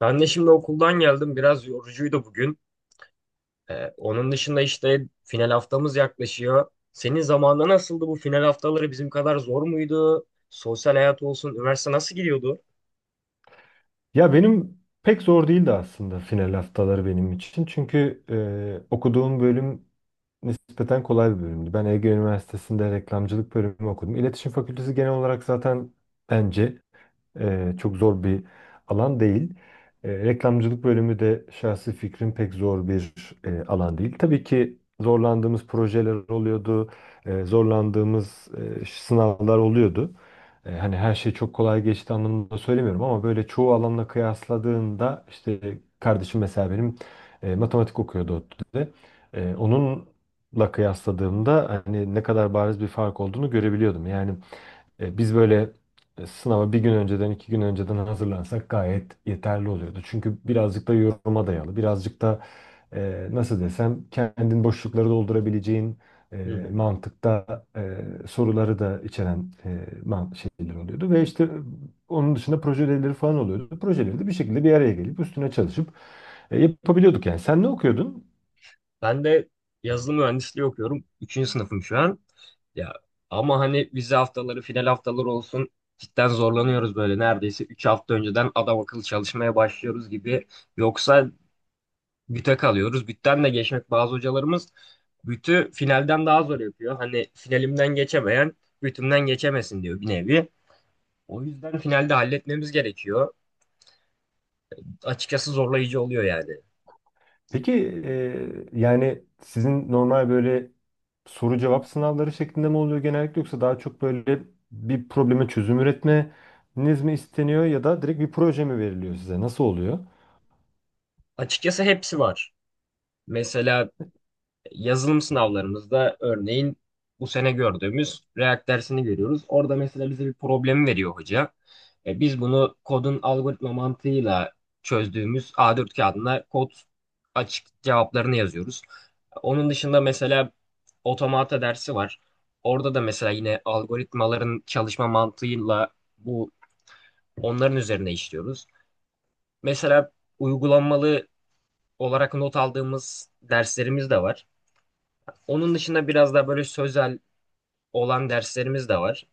Ben de şimdi okuldan geldim. Biraz yorucuydu bugün. Onun dışında işte final haftamız yaklaşıyor. Senin zamanında nasıldı bu final haftaları bizim kadar zor muydu? Sosyal hayat olsun, üniversite nasıl gidiyordu? Ya benim pek zor değildi aslında final haftaları benim için. Çünkü okuduğum bölüm nispeten kolay bir bölümdü. Ben Ege Üniversitesi'nde reklamcılık bölümü okudum. İletişim Fakültesi genel olarak zaten bence çok zor bir alan değil. Reklamcılık bölümü de şahsi fikrim pek zor bir alan değil. Tabii ki zorlandığımız projeler oluyordu, zorlandığımız sınavlar oluyordu. Hani her şey çok kolay geçti anlamında söylemiyorum ama böyle çoğu alanla kıyasladığında işte kardeşim mesela benim matematik okuyordu ODTÜ'de. Onunla kıyasladığımda hani ne kadar bariz bir fark olduğunu görebiliyordum. Yani biz böyle sınava bir gün önceden, iki gün önceden hazırlansak gayet yeterli oluyordu. Çünkü birazcık da yoruma dayalı, birazcık da nasıl desem kendin boşlukları doldurabileceğin Hı hı. mantıkta soruları da içeren şeyler oluyordu. Ve işte onun dışında proje ödevleri falan oluyordu. Projeleri de bir şekilde bir araya gelip üstüne çalışıp yapabiliyorduk yani. Sen ne okuyordun? Ben de yazılım mühendisliği okuyorum. Üçüncü sınıfım şu an. Ya, ama hani vize haftaları, final haftaları olsun cidden zorlanıyoruz böyle. Neredeyse 3 hafta önceden adam akıllı çalışmaya başlıyoruz gibi. Yoksa büte kalıyoruz. Bütten de geçmek, bazı hocalarımız bütü finalden daha zor yapıyor. Hani finalimden geçemeyen bütümden geçemesin diyor bir nevi. O yüzden finalde halletmemiz gerekiyor. Açıkçası zorlayıcı oluyor yani. Peki yani sizin normal böyle soru cevap sınavları şeklinde mi oluyor genellikle yoksa daha çok böyle bir probleme çözüm üretmeniz mi isteniyor ya da direkt bir proje mi veriliyor size? Nasıl oluyor? Açıkçası hepsi var. Mesela yazılım sınavlarımızda örneğin bu sene gördüğümüz React dersini görüyoruz. Orada mesela bize bir problemi veriyor hoca. Biz bunu kodun algoritma mantığıyla çözdüğümüz A4 kağıdına kod açık cevaplarını yazıyoruz. Onun dışında mesela otomata dersi var. Orada da mesela yine algoritmaların çalışma mantığıyla bu onların üzerine işliyoruz. Mesela uygulanmalı olarak not aldığımız derslerimiz de var. Onun dışında biraz daha böyle sözel olan derslerimiz de var.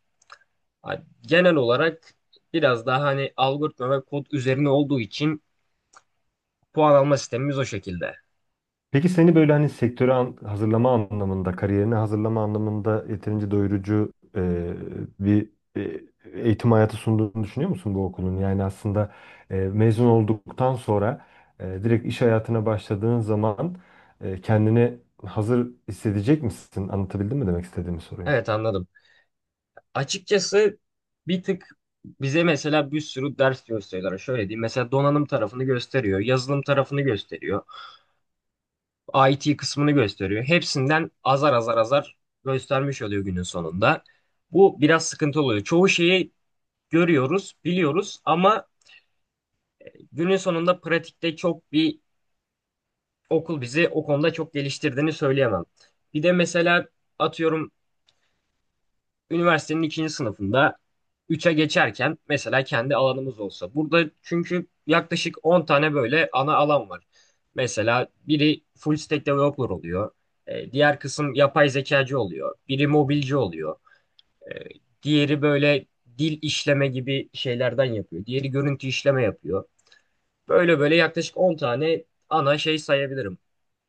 Ha, Genel olarak biraz daha hani algoritma ve kod üzerine olduğu için puan alma sistemimiz o şekilde. Peki seni böyle hani sektöre hazırlama anlamında, kariyerine hazırlama anlamında yeterince doyurucu bir e, eğitim hayatı sunduğunu düşünüyor musun bu okulun? Yani aslında mezun olduktan sonra direkt iş hayatına başladığın zaman kendini hazır hissedecek misin? Anlatabildim mi demek istediğimi sorayım. Evet, anladım. Açıkçası bir tık bize mesela bir sürü ders gösteriyorlar. Şöyle diyeyim. Mesela donanım tarafını gösteriyor, yazılım tarafını gösteriyor, IT kısmını gösteriyor. Hepsinden azar azar azar göstermiş oluyor günün sonunda. Bu biraz sıkıntı oluyor. Çoğu şeyi görüyoruz, biliyoruz ama günün sonunda pratikte çok bir okul bizi o konuda çok geliştirdiğini söyleyemem. Bir de mesela atıyorum üniversitenin ikinci sınıfında 3'e geçerken mesela kendi alanımız olsa. Burada çünkü yaklaşık 10 tane böyle ana alan var. Mesela biri full stack developer oluyor. Diğer kısım yapay zekacı oluyor. Biri mobilci oluyor. E, Diğeri böyle dil işleme gibi şeylerden yapıyor. Diğeri görüntü işleme yapıyor. Böyle böyle yaklaşık 10 tane ana şey sayabilirim.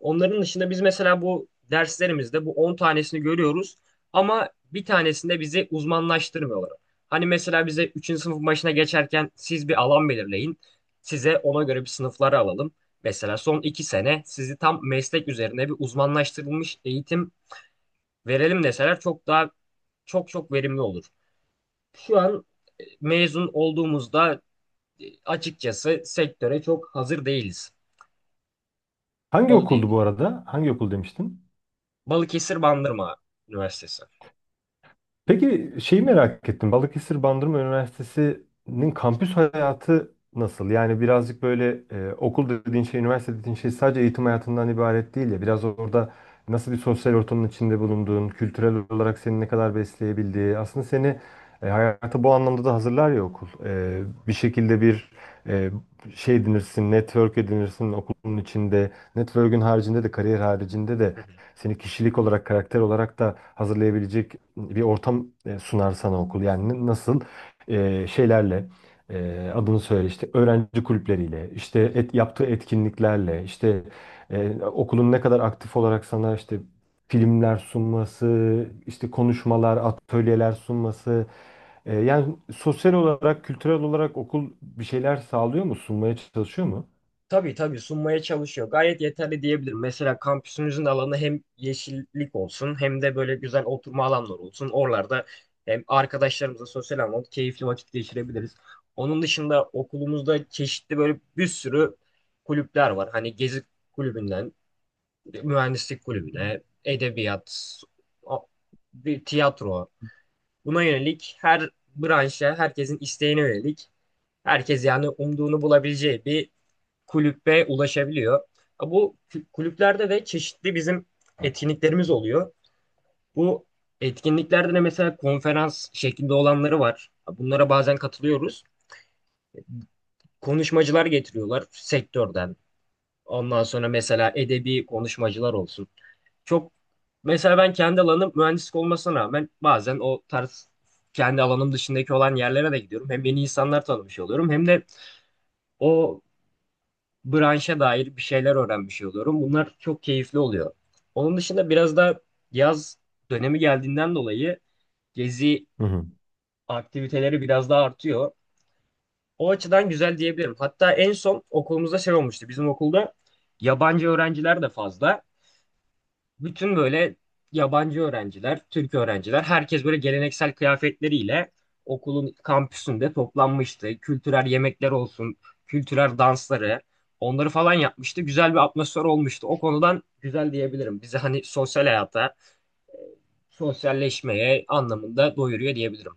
Onların dışında biz mesela bu derslerimizde bu 10 tanesini görüyoruz ama bir tanesinde bizi uzmanlaştırmıyorlar. Hani mesela bize üçüncü sınıf başına geçerken siz bir alan belirleyin. Size ona göre bir sınıfları alalım. Mesela son 2 sene sizi tam meslek üzerine bir uzmanlaştırılmış eğitim verelim deseler çok daha çok çok verimli olur. Şu an mezun olduğumuzda açıkçası sektöre çok hazır değiliz. Hangi Onu okuldu bu diyebilirim. arada? Hangi okul demiştin? Balıkesir Bandırma Üniversitesi. Peki şeyi merak ettim. Balıkesir Bandırma Üniversitesi'nin kampüs hayatı nasıl? Yani birazcık böyle okul dediğin şey, üniversite dediğin şey sadece eğitim hayatından ibaret değil ya. Biraz orada nasıl bir sosyal ortamın içinde bulunduğun, kültürel olarak seni ne kadar besleyebildiği, aslında seni hayata bu anlamda da hazırlar ya okul. Bir şekilde bir e, şey edinirsin, network edinirsin okulun içinde. Network'ün haricinde de, kariyer haricinde de Hı hı. seni kişilik olarak, karakter olarak da hazırlayabilecek bir ortam sunar sana okul. Yani nasıl şeylerle adını söyle işte öğrenci kulüpleriyle, işte Güzel. Yaptığı etkinliklerle, işte okulun ne kadar aktif olarak sana işte filmler sunması, işte konuşmalar, atölyeler sunması. Yani sosyal olarak, kültürel olarak okul bir şeyler sağlıyor mu, sunmaya çalışıyor mu? Tabii, tabii sunmaya çalışıyor. Gayet yeterli diyebilirim. Mesela kampüsümüzün alanı hem yeşillik olsun hem de böyle güzel oturma alanları olsun. Oralarda hem arkadaşlarımızla sosyal anlamda keyifli vakit geçirebiliriz. Onun dışında okulumuzda çeşitli böyle bir sürü kulüpler var. Hani gezi kulübünden, mühendislik kulübüne, edebiyat, o- bir tiyatro. Buna yönelik her branşa, herkesin isteğine yönelik, herkes yani umduğunu bulabileceği bir kulübe ulaşabiliyor. Bu kulüplerde de çeşitli bizim etkinliklerimiz oluyor. Bu etkinliklerde de mesela konferans şeklinde olanları var. Bunlara bazen katılıyoruz. Konuşmacılar getiriyorlar sektörden. Ondan sonra mesela edebi konuşmacılar olsun. Çok, mesela ben kendi alanım mühendislik olmasına rağmen bazen o tarz kendi alanım dışındaki olan yerlere de gidiyorum. Hem yeni insanlar tanımış oluyorum hem de o branşa dair bir şeyler öğrenmiş oluyorum. Bunlar çok keyifli oluyor. Onun dışında biraz da yaz dönemi geldiğinden dolayı gezi Hı hı. aktiviteleri biraz daha artıyor. O açıdan güzel diyebilirim. Hatta en son okulumuzda şey olmuştu. Bizim okulda yabancı öğrenciler de fazla. Bütün böyle yabancı öğrenciler, Türk öğrenciler, herkes böyle geleneksel kıyafetleriyle okulun kampüsünde toplanmıştı. Kültürel yemekler olsun, kültürel dansları, onları falan yapmıştı. Güzel bir atmosfer olmuştu. O konudan güzel diyebilirim. Bizi hani sosyal hayata, sosyalleşmeye anlamında doyuruyor diyebilirim.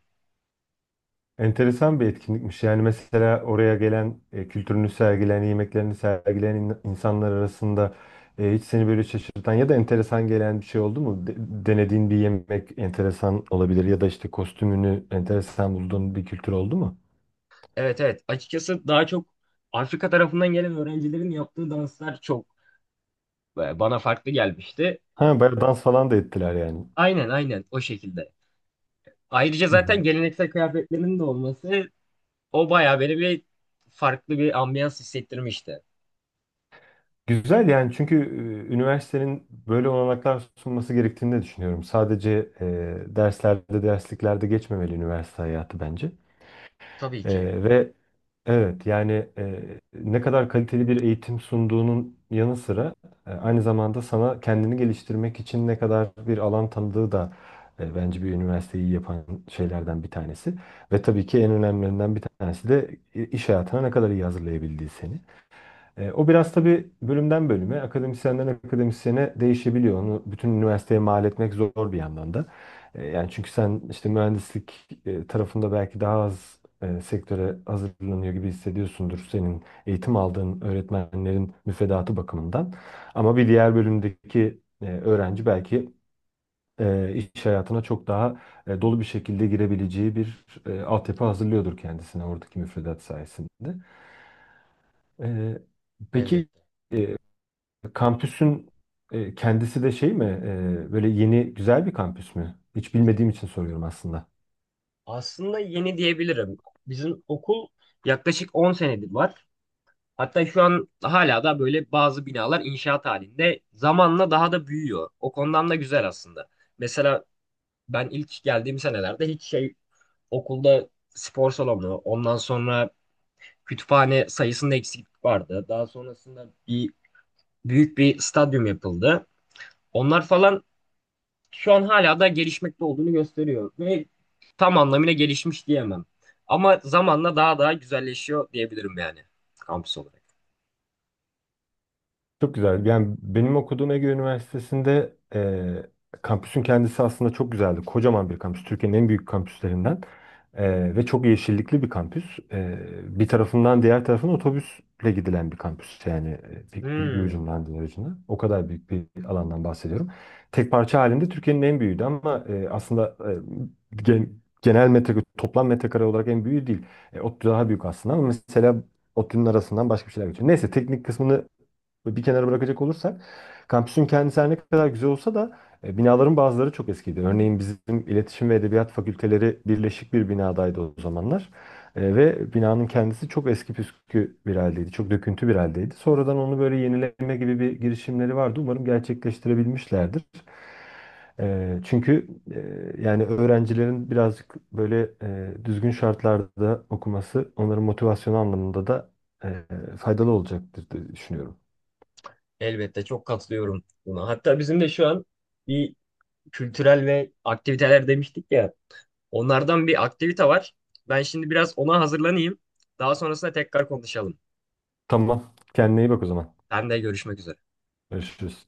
Enteresan bir etkinlikmiş. Yani mesela oraya gelen kültürünü sergileyen, yemeklerini sergileyen insanlar arasında hiç seni böyle şaşırtan ya da enteresan gelen bir şey oldu mu? Denediğin bir yemek enteresan olabilir ya da işte kostümünü enteresan bulduğun bir kültür oldu mu? Evet, evet. Açıkçası daha çok Afrika tarafından gelen öğrencilerin yaptığı danslar çok bana farklı gelmişti. Ha, bayağı dans falan da ettiler yani. Aynen, aynen, o şekilde. Ayrıca Hı hı. zaten geleneksel kıyafetlerinin de olması o bayağı böyle bir farklı bir ambiyans hissettirmişti. Güzel yani çünkü üniversitenin böyle olanaklar sunması gerektiğini de düşünüyorum. Sadece derslerde, dersliklerde geçmemeli üniversite hayatı bence. Tabii ki Ve Evet yani ne kadar kaliteli bir eğitim sunduğunun yanı sıra aynı zamanda sana kendini geliştirmek için ne kadar bir alan tanıdığı da bence bir üniversiteyi yapan şeylerden bir tanesi. Ve tabii ki en önemlilerinden bir tanesi de iş hayatına ne kadar iyi hazırlayabildiği seni. O biraz tabii bölümden bölüme, akademisyenden akademisyene değişebiliyor. Onu bütün üniversiteye mal etmek zor bir yandan da. Yani çünkü sen işte mühendislik tarafında belki daha az sektöre hazırlanıyor gibi hissediyorsundur senin eğitim aldığın öğretmenlerin müfredatı bakımından. Ama bir diğer bölümdeki öğrenci belki iş hayatına çok daha dolu bir şekilde girebileceği bir altyapı hazırlıyordur kendisine oradaki müfredat sayesinde. E, peki. elbette. e, Kampüsün kendisi de şey mi? Böyle yeni güzel bir kampüs mü? Hiç bilmediğim için soruyorum aslında. Aslında yeni diyebilirim. Bizim okul yaklaşık 10 senedir var. Hatta şu an hala da böyle bazı binalar inşaat halinde zamanla daha da büyüyor. O konudan da güzel aslında. Mesela ben ilk geldiğim senelerde hiç şey okulda spor salonu, ondan sonra kütüphane sayısında eksiklik vardı. Daha sonrasında bir büyük bir stadyum yapıldı. Onlar falan şu an hala da gelişmekte olduğunu gösteriyor ve tam anlamıyla gelişmiş diyemem. Ama zamanla daha daha güzelleşiyor diyebilirim yani kampüs olarak. Çok güzel. Yani benim okuduğum Ege Üniversitesi'nde kampüsün kendisi aslında çok güzeldi. Kocaman bir kampüs. Türkiye'nin en büyük kampüslerinden. Ve çok yeşillikli bir kampüs. Bir tarafından diğer tarafına otobüsle gidilen bir kampüs. Yani bir Hmm, ucundan diğer ucuna. O kadar büyük bir alandan bahsediyorum. Tek parça halinde Türkiye'nin en büyüğüydü ama aslında e, gen- genel metrekare, toplam metrekare olarak en büyüğü değil. ODTÜ daha büyük aslında ama mesela ODTÜ'nün arasından başka bir şeyler geçiyor. Neyse teknik kısmını bir kenara bırakacak olursak kampüsün kendisi her ne kadar güzel olsa da binaların bazıları çok eskiydi. Örneğin bizim iletişim ve edebiyat fakülteleri birleşik bir binadaydı o zamanlar. Ve binanın kendisi çok eski püskü bir haldeydi. Çok döküntü bir haldeydi. Sonradan onu böyle yenileme gibi bir girişimleri vardı. Umarım gerçekleştirebilmişlerdir. E, çünkü yani öğrencilerin birazcık böyle düzgün şartlarda okuması onların motivasyonu anlamında da e, faydalı olacaktır diye düşünüyorum. Elbette, çok katılıyorum buna. Hatta bizim de şu an bir kültürel ve aktiviteler demiştik ya. Onlardan bir aktivite var. Ben şimdi biraz ona hazırlanayım. Daha sonrasında tekrar konuşalım. Tamam. Kendine iyi bak o zaman. Ben de görüşmek üzere. Görüşürüz.